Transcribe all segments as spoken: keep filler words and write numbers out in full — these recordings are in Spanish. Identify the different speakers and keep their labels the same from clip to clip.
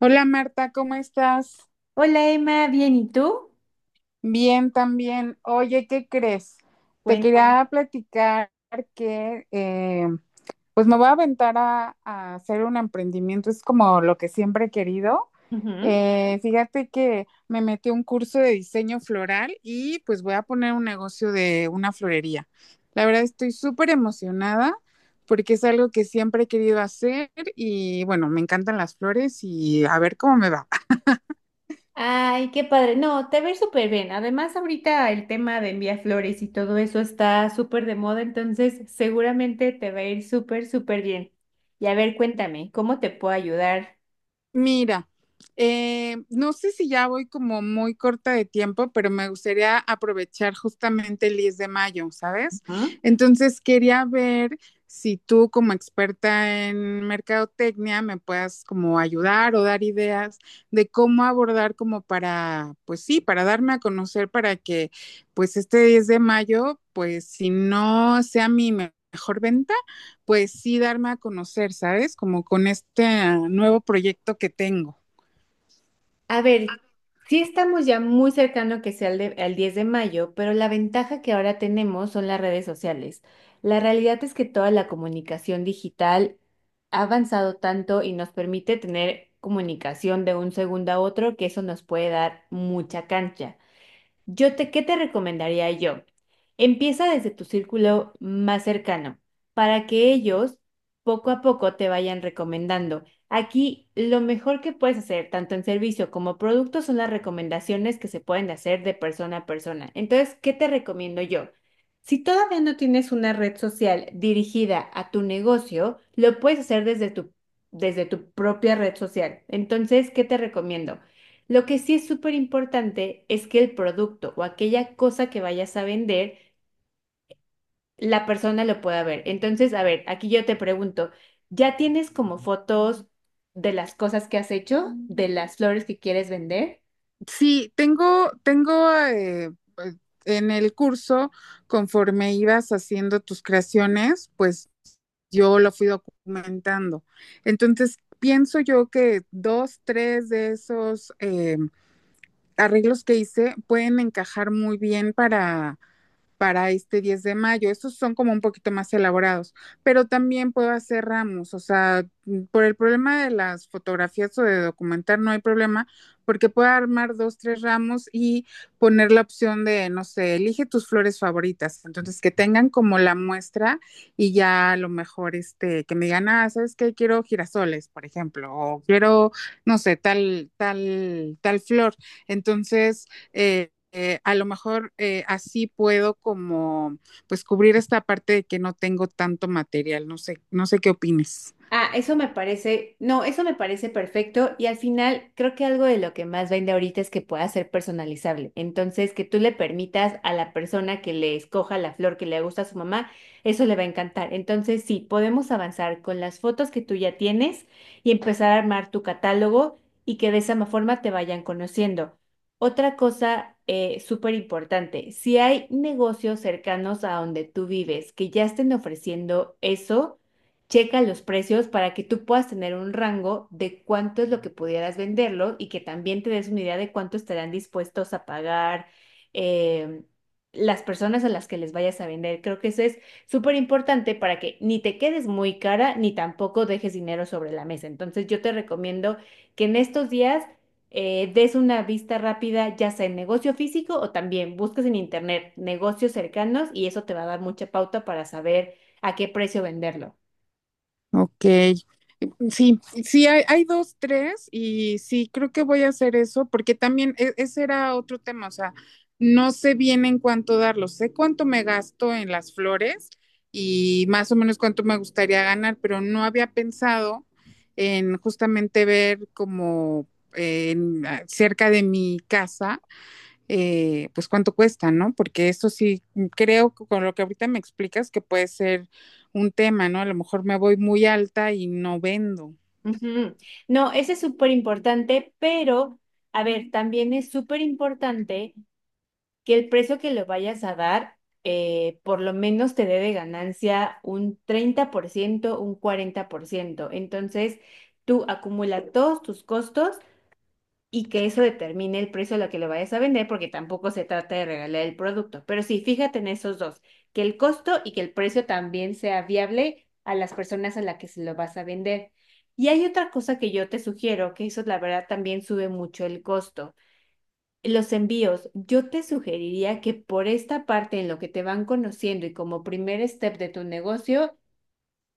Speaker 1: Hola Marta, ¿cómo estás?
Speaker 2: Hola Emma, bien, ¿y tú?
Speaker 1: Bien, también. Oye, ¿qué crees? Te
Speaker 2: Cuenta.
Speaker 1: quería platicar que eh, pues me voy a aventar a, a hacer un emprendimiento, es como lo que siempre he querido.
Speaker 2: Ujú.
Speaker 1: Eh, fíjate que me metí a un curso de diseño floral y pues voy a poner un negocio de una florería. La verdad estoy súper emocionada porque es algo que siempre he querido hacer y bueno, me encantan las flores y a ver cómo me va.
Speaker 2: Ay, qué padre. No, te ves súper bien. Además, ahorita el tema de enviar flores y todo eso está súper de moda, entonces seguramente te va a ir súper, súper bien. Y a ver, cuéntame, ¿cómo te puedo ayudar?
Speaker 1: Mira, eh, no sé si ya voy como muy corta de tiempo, pero me gustaría aprovechar justamente el diez de mayo, ¿sabes? Entonces quería ver si tú como experta en mercadotecnia me puedas como ayudar o dar ideas de cómo abordar como para, pues sí, para darme a conocer para que pues este diez de mayo, pues si no sea mi me- mejor venta, pues sí darme a conocer, ¿sabes? Como con este ah, nuevo proyecto que tengo.
Speaker 2: A ver, sí estamos ya muy cercano que sea el, de- al diez de mayo, pero la ventaja que ahora tenemos son las redes sociales. La realidad es que toda la comunicación digital ha avanzado tanto y nos permite tener comunicación de un segundo a otro, que eso nos puede dar mucha cancha. Yo te, ¿qué te recomendaría yo? Empieza desde tu círculo más cercano para que ellos poco a poco te vayan recomendando. Aquí lo mejor que puedes hacer, tanto en servicio como producto, son las recomendaciones que se pueden hacer de persona a persona. Entonces, ¿qué te recomiendo yo? Si todavía no tienes una red social dirigida a tu negocio, lo puedes hacer desde tu, desde tu propia red social. Entonces, ¿qué te recomiendo? Lo que sí es súper importante es que el producto o aquella cosa que vayas a vender, la persona lo pueda ver. Entonces, a ver, aquí yo te pregunto, ¿ya tienes como fotos de las cosas que has hecho, de las flores que quieres vender?
Speaker 1: Sí, tengo, tengo eh, pues, en el curso, conforme ibas haciendo tus creaciones, pues yo lo fui documentando. Entonces, pienso yo que dos, tres de esos eh, arreglos que hice pueden encajar muy bien para para este diez de mayo. Estos son como un poquito más elaborados, pero también puedo hacer ramos, o sea, mm, por el problema de las fotografías o de documentar no hay problema, porque puedo armar dos, tres ramos y poner la opción de, no sé, elige tus flores favoritas, entonces que tengan como la muestra y ya a lo mejor, este, que me digan, ah, ¿sabes qué? Quiero girasoles, por ejemplo, o quiero, no sé, tal, tal, tal flor. Entonces, eh, eh, a lo mejor eh, así puedo como pues cubrir esta parte de que no tengo tanto material, no sé, no sé qué opines.
Speaker 2: Ah, eso me parece, no, eso me parece perfecto, y al final creo que algo de lo que más vende ahorita es que pueda ser personalizable. Entonces, que tú le permitas a la persona que le escoja la flor que le gusta a su mamá, eso le va a encantar. Entonces, sí, podemos avanzar con las fotos que tú ya tienes y empezar a armar tu catálogo y que de esa ma- forma te vayan conociendo. Otra cosa eh, súper importante, si hay negocios cercanos a donde tú vives que ya estén ofreciendo eso, checa los precios para que tú puedas tener un rango de cuánto es lo que pudieras venderlo y que también te des una idea de cuánto estarán dispuestos a pagar em, las personas a las que les vayas a vender. Creo que eso es súper importante para que ni te quedes muy cara ni tampoco dejes dinero sobre la mesa. Entonces yo te recomiendo que en estos días eh, des una vista rápida, ya sea en negocio físico o también busques en internet negocios cercanos, y eso te va a dar mucha pauta para saber a qué precio venderlo.
Speaker 1: Ok, sí, sí, hay, hay, dos, tres y sí, creo que voy a hacer eso porque también e- ese era otro tema, o sea, no sé bien en cuánto darlo, sé cuánto me gasto en las flores y más o menos cuánto me gustaría ganar, pero no había pensado en justamente ver como eh, en, ah, cerca de mi casa eh, pues cuánto cuesta, ¿no? Porque eso sí, mm, creo que con lo que ahorita me explicas que puede ser un tema, ¿no? A lo mejor me voy muy alta y no vendo.
Speaker 2: Ujú. No, ese es súper importante, pero a ver, también es súper importante que el precio que le vayas a dar, eh, por lo menos te dé de ganancia un treinta por ciento, un cuarenta por ciento. Entonces, tú acumulas todos tus costos y que eso determine el precio a lo que lo vayas a vender, porque tampoco se trata de regalar el producto. Pero sí, fíjate en esos dos, que el costo y que el precio también sea viable a las personas a las que se lo vas a vender. Y hay otra cosa que yo te sugiero, que eso la verdad también sube mucho el costo. Los envíos, yo te sugeriría que por esta parte, en lo que te van conociendo y como primer step de tu negocio,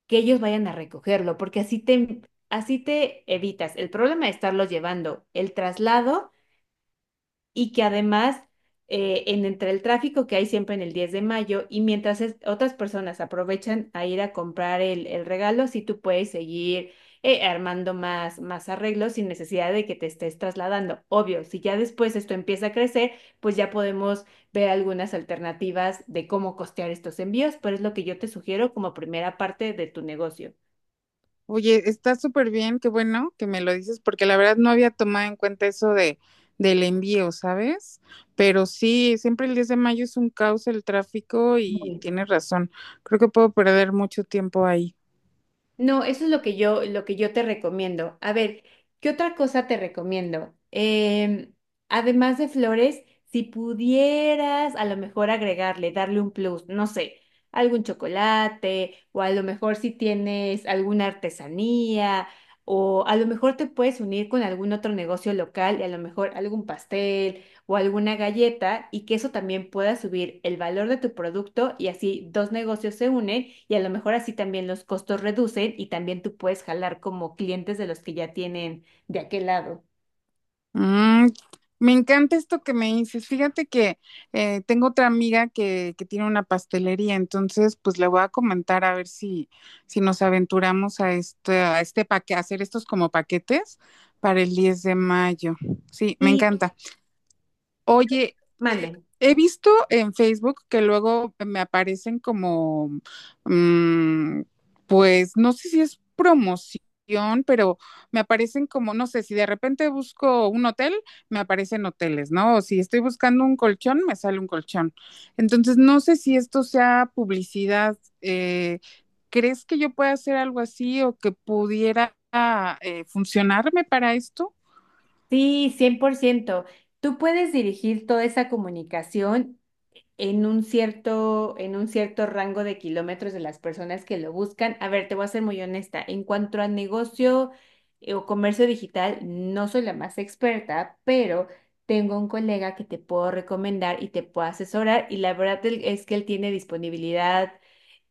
Speaker 2: que ellos vayan a recogerlo, porque así te, así te evitas el problema de estarlos llevando, el traslado, y que además eh, en entre el tráfico que hay siempre en el diez de mayo, y mientras es- otras personas aprovechan a ir a comprar el, el regalo, si tú puedes seguir eh, armando más, más arreglos sin necesidad de que te estés trasladando. Obvio, si ya después esto empieza a crecer, pues ya podemos ver algunas alternativas de cómo costear estos envíos, pero es lo que yo te sugiero como primera parte de tu negocio.
Speaker 1: Oye, está súper bien, qué bueno que me lo dices, porque la verdad no había tomado en cuenta eso de del envío, ¿sabes? Pero sí, siempre el diez de mayo de mayo es un caos el tráfico y tienes razón. Creo que puedo perder mucho tiempo ahí.
Speaker 2: No, eso es lo que yo, lo que yo te recomiendo. A ver, ¿qué otra cosa te recomiendo? Em, además de flores, si pudieras a lo mejor agregarle, darle un plus, no sé, algún chocolate, o a lo mejor si tienes alguna artesanía, o a lo mejor te puedes unir con algún otro negocio local y a lo mejor algún pastel o alguna galleta, y que eso también pueda subir el valor de tu producto y así dos negocios se unen y a lo mejor así también los costos reducen, y también tú puedes jalar como clientes de los que ya tienen de aquel lado.
Speaker 1: Mm, me encanta esto que me dices. Fíjate que eh, tengo otra amiga que, que tiene una pastelería, entonces pues le voy a comentar a ver si, si nos aventuramos a este, a este paquete, hacer estos como paquetes para el diez de mayo. Sí, me
Speaker 2: Y
Speaker 1: encanta. Oye, eh,
Speaker 2: manden.
Speaker 1: he visto en Facebook que luego me aparecen como, mm, pues no sé si es promoción, pero me aparecen como, no sé, si de repente busco un hotel, me aparecen hoteles, ¿no? O si estoy buscando un colchón, me sale un colchón. Entonces, no sé si esto sea publicidad. eh, ¿Crees que yo pueda hacer algo así o que pudiera eh, funcionarme para esto?
Speaker 2: Sí, cien por ciento. Tú puedes dirigir toda esa comunicación en un cierto, en un cierto rango de kilómetros de las personas que lo buscan. A ver, te voy a ser muy honesta. En cuanto a negocio eh, o comercio digital, no soy la más experta, pero tengo un colega que te puedo recomendar y te puedo asesorar. Y la verdad el- es que él tiene disponibilidad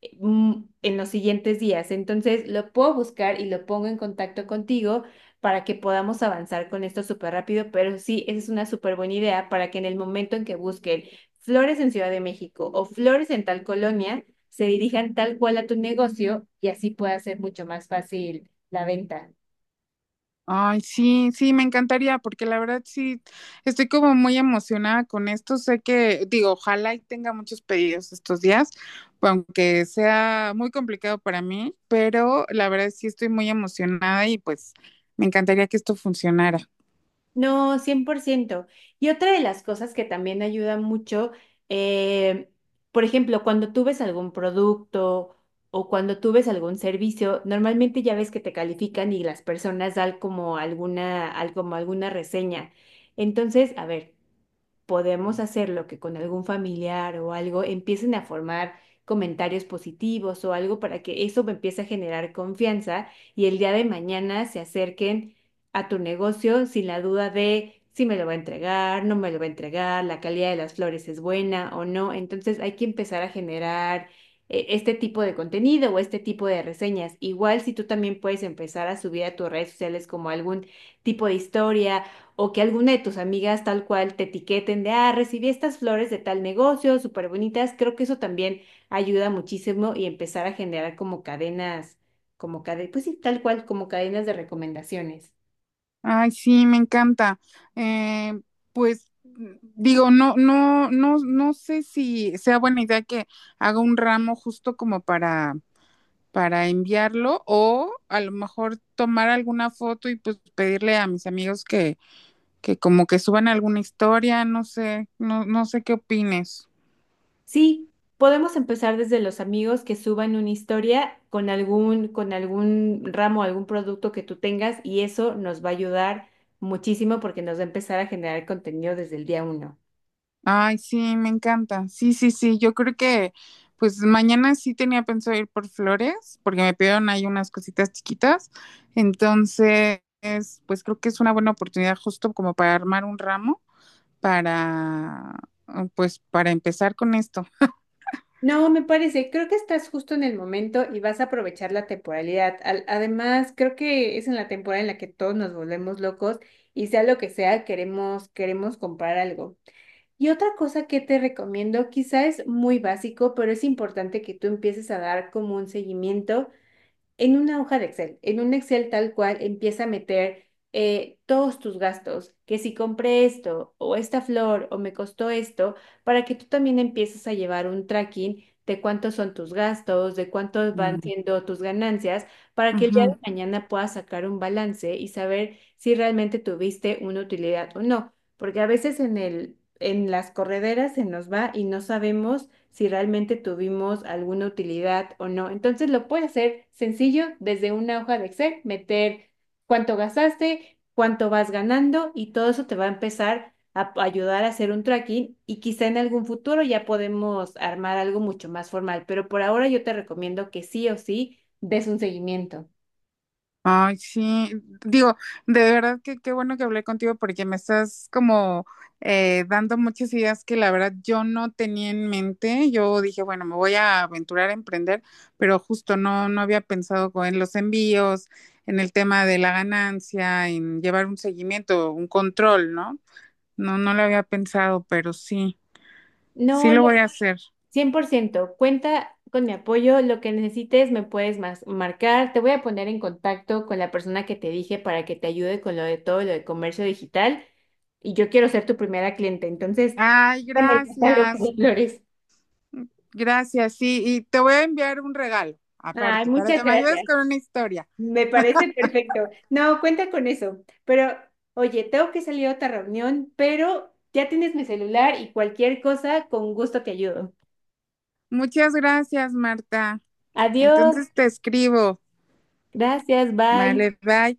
Speaker 2: eh, mm, en los siguientes días. Entonces, lo puedo buscar y lo pongo en contacto contigo para que podamos avanzar con esto súper rápido. Pero sí, esa es una súper buena idea, para que en el momento en que busquen flores en Ciudad de México o flores en tal colonia, se dirijan tal cual a tu negocio y así pueda ser mucho más fácil la venta.
Speaker 1: Ay, sí, sí, me encantaría, porque la verdad sí, estoy como muy emocionada con esto. Sé que, digo, ojalá y tenga muchos pedidos estos días, aunque sea muy complicado para mí, pero la verdad sí estoy muy emocionada y pues me encantaría que esto funcionara.
Speaker 2: No, cien por ciento. Y otra de las cosas que también ayuda mucho, eh, por ejemplo, cuando tú ves algún producto o cuando tú ves algún servicio, normalmente ya ves que te califican y las personas dan como alguna, al- como alguna reseña. Entonces, a ver, podemos hacerlo, que con algún familiar o algo empiecen a formar comentarios positivos o algo para que eso me empiece a generar confianza y el día de mañana se acerquen a tu negocio sin la duda de si me lo va a entregar, no me lo va a entregar, la calidad de las flores es buena o no. Entonces hay que empezar a generar eh, este tipo de contenido o este tipo de reseñas. Igual si tú también puedes empezar a subir a tus redes sociales como algún tipo de historia, o que alguna de tus amigas tal cual te etiqueten de, ah, recibí estas flores de tal negocio, súper bonitas. Creo que eso también ayuda muchísimo, y empezar a generar como cadenas, como cadenas, pues sí, tal cual, como cadenas de recomendaciones.
Speaker 1: Ay, sí, me encanta. Eh, pues mm, digo, no, no, no, no sé si sea buena idea que haga un ramo justo como para para enviarlo o a lo mejor tomar alguna foto y pues pedirle a mis amigos que, que como que suban alguna historia, no sé, no, no sé qué opines.
Speaker 2: Sí, podemos empezar desde los amigos que suban una historia con algún, con algún ramo, algún producto que tú tengas, y eso nos va a ayudar muchísimo porque nos va a empezar a generar contenido desde el día uno.
Speaker 1: Ay, sí, me encanta. Sí, sí, sí, yo creo que pues mañana sí tenía pensado ir por flores porque me pidieron ahí unas cositas chiquitas. Entonces, pues creo que es una buena oportunidad justo como para armar un ramo para, pues para empezar con esto.
Speaker 2: No, me parece, creo que estás justo en el momento y vas a aprovechar la temporalidad. Al- además, creo que es en la temporada en la que todos nos volvemos locos y sea lo que sea, queremos, queremos comprar algo. Y otra cosa que te recomiendo, quizá es muy básico, pero es importante que tú empieces a dar como un seguimiento en una hoja de Excel, en un Excel tal cual, empieza a meter eh, todos tus gastos, que si compré esto o esta flor o me costó esto, para que tú también empieces a llevar un tracking de cuántos son tus gastos, de cuántos van
Speaker 1: Mm,
Speaker 2: siendo tus ganancias, para que el día
Speaker 1: ujú.
Speaker 2: de mañana puedas sacar un balance y saber si realmente tuviste una utilidad o no. Porque a veces en el en las correderas se nos va y no sabemos si realmente tuvimos alguna utilidad o no. Entonces lo puede hacer sencillo desde una hoja de Excel, meter cuánto gastaste, cuánto vas ganando, y todo eso te va a empezar a p- ayudar a hacer un tracking, y quizá en algún futuro ya podemos armar algo mucho más formal, pero por ahora yo te recomiendo que sí o sí des un seguimiento.
Speaker 1: Ay, sí, digo, de verdad que qué bueno que hablé contigo porque me estás como eh, dando muchas ideas que la verdad yo no tenía en mente. Yo dije, bueno, me voy a aventurar a emprender, pero justo no, no había pensado co- en los envíos, en el tema de la ganancia, en llevar un seguimiento, un control, ¿no? No, no lo había pensado, pero sí,
Speaker 2: No,
Speaker 1: sí lo voy a hacer.
Speaker 2: cien por ciento, cuenta con mi apoyo. Lo que necesites me puedes mas- marcar. Te voy a poner en contacto con la persona que te dije para que te ayude con lo de todo lo de comercio digital, y yo quiero ser tu primera cliente. Entonces,
Speaker 1: Ay,
Speaker 2: dame el catálogo
Speaker 1: gracias,
Speaker 2: de flores.
Speaker 1: gracias, sí, y te voy a enviar un regalo
Speaker 2: Ay,
Speaker 1: aparte para
Speaker 2: muchas
Speaker 1: que me ayudes
Speaker 2: gracias.
Speaker 1: con una historia.
Speaker 2: Me parece perfecto. No, cuenta con eso. Pero oye, tengo que salir a otra reunión, pero ya tienes mi celular y cualquier cosa, con gusto te ayudo.
Speaker 1: Muchas gracias, Marta.
Speaker 2: Adiós,
Speaker 1: Entonces te escribo.
Speaker 2: gracias, bye.
Speaker 1: Vale, bye.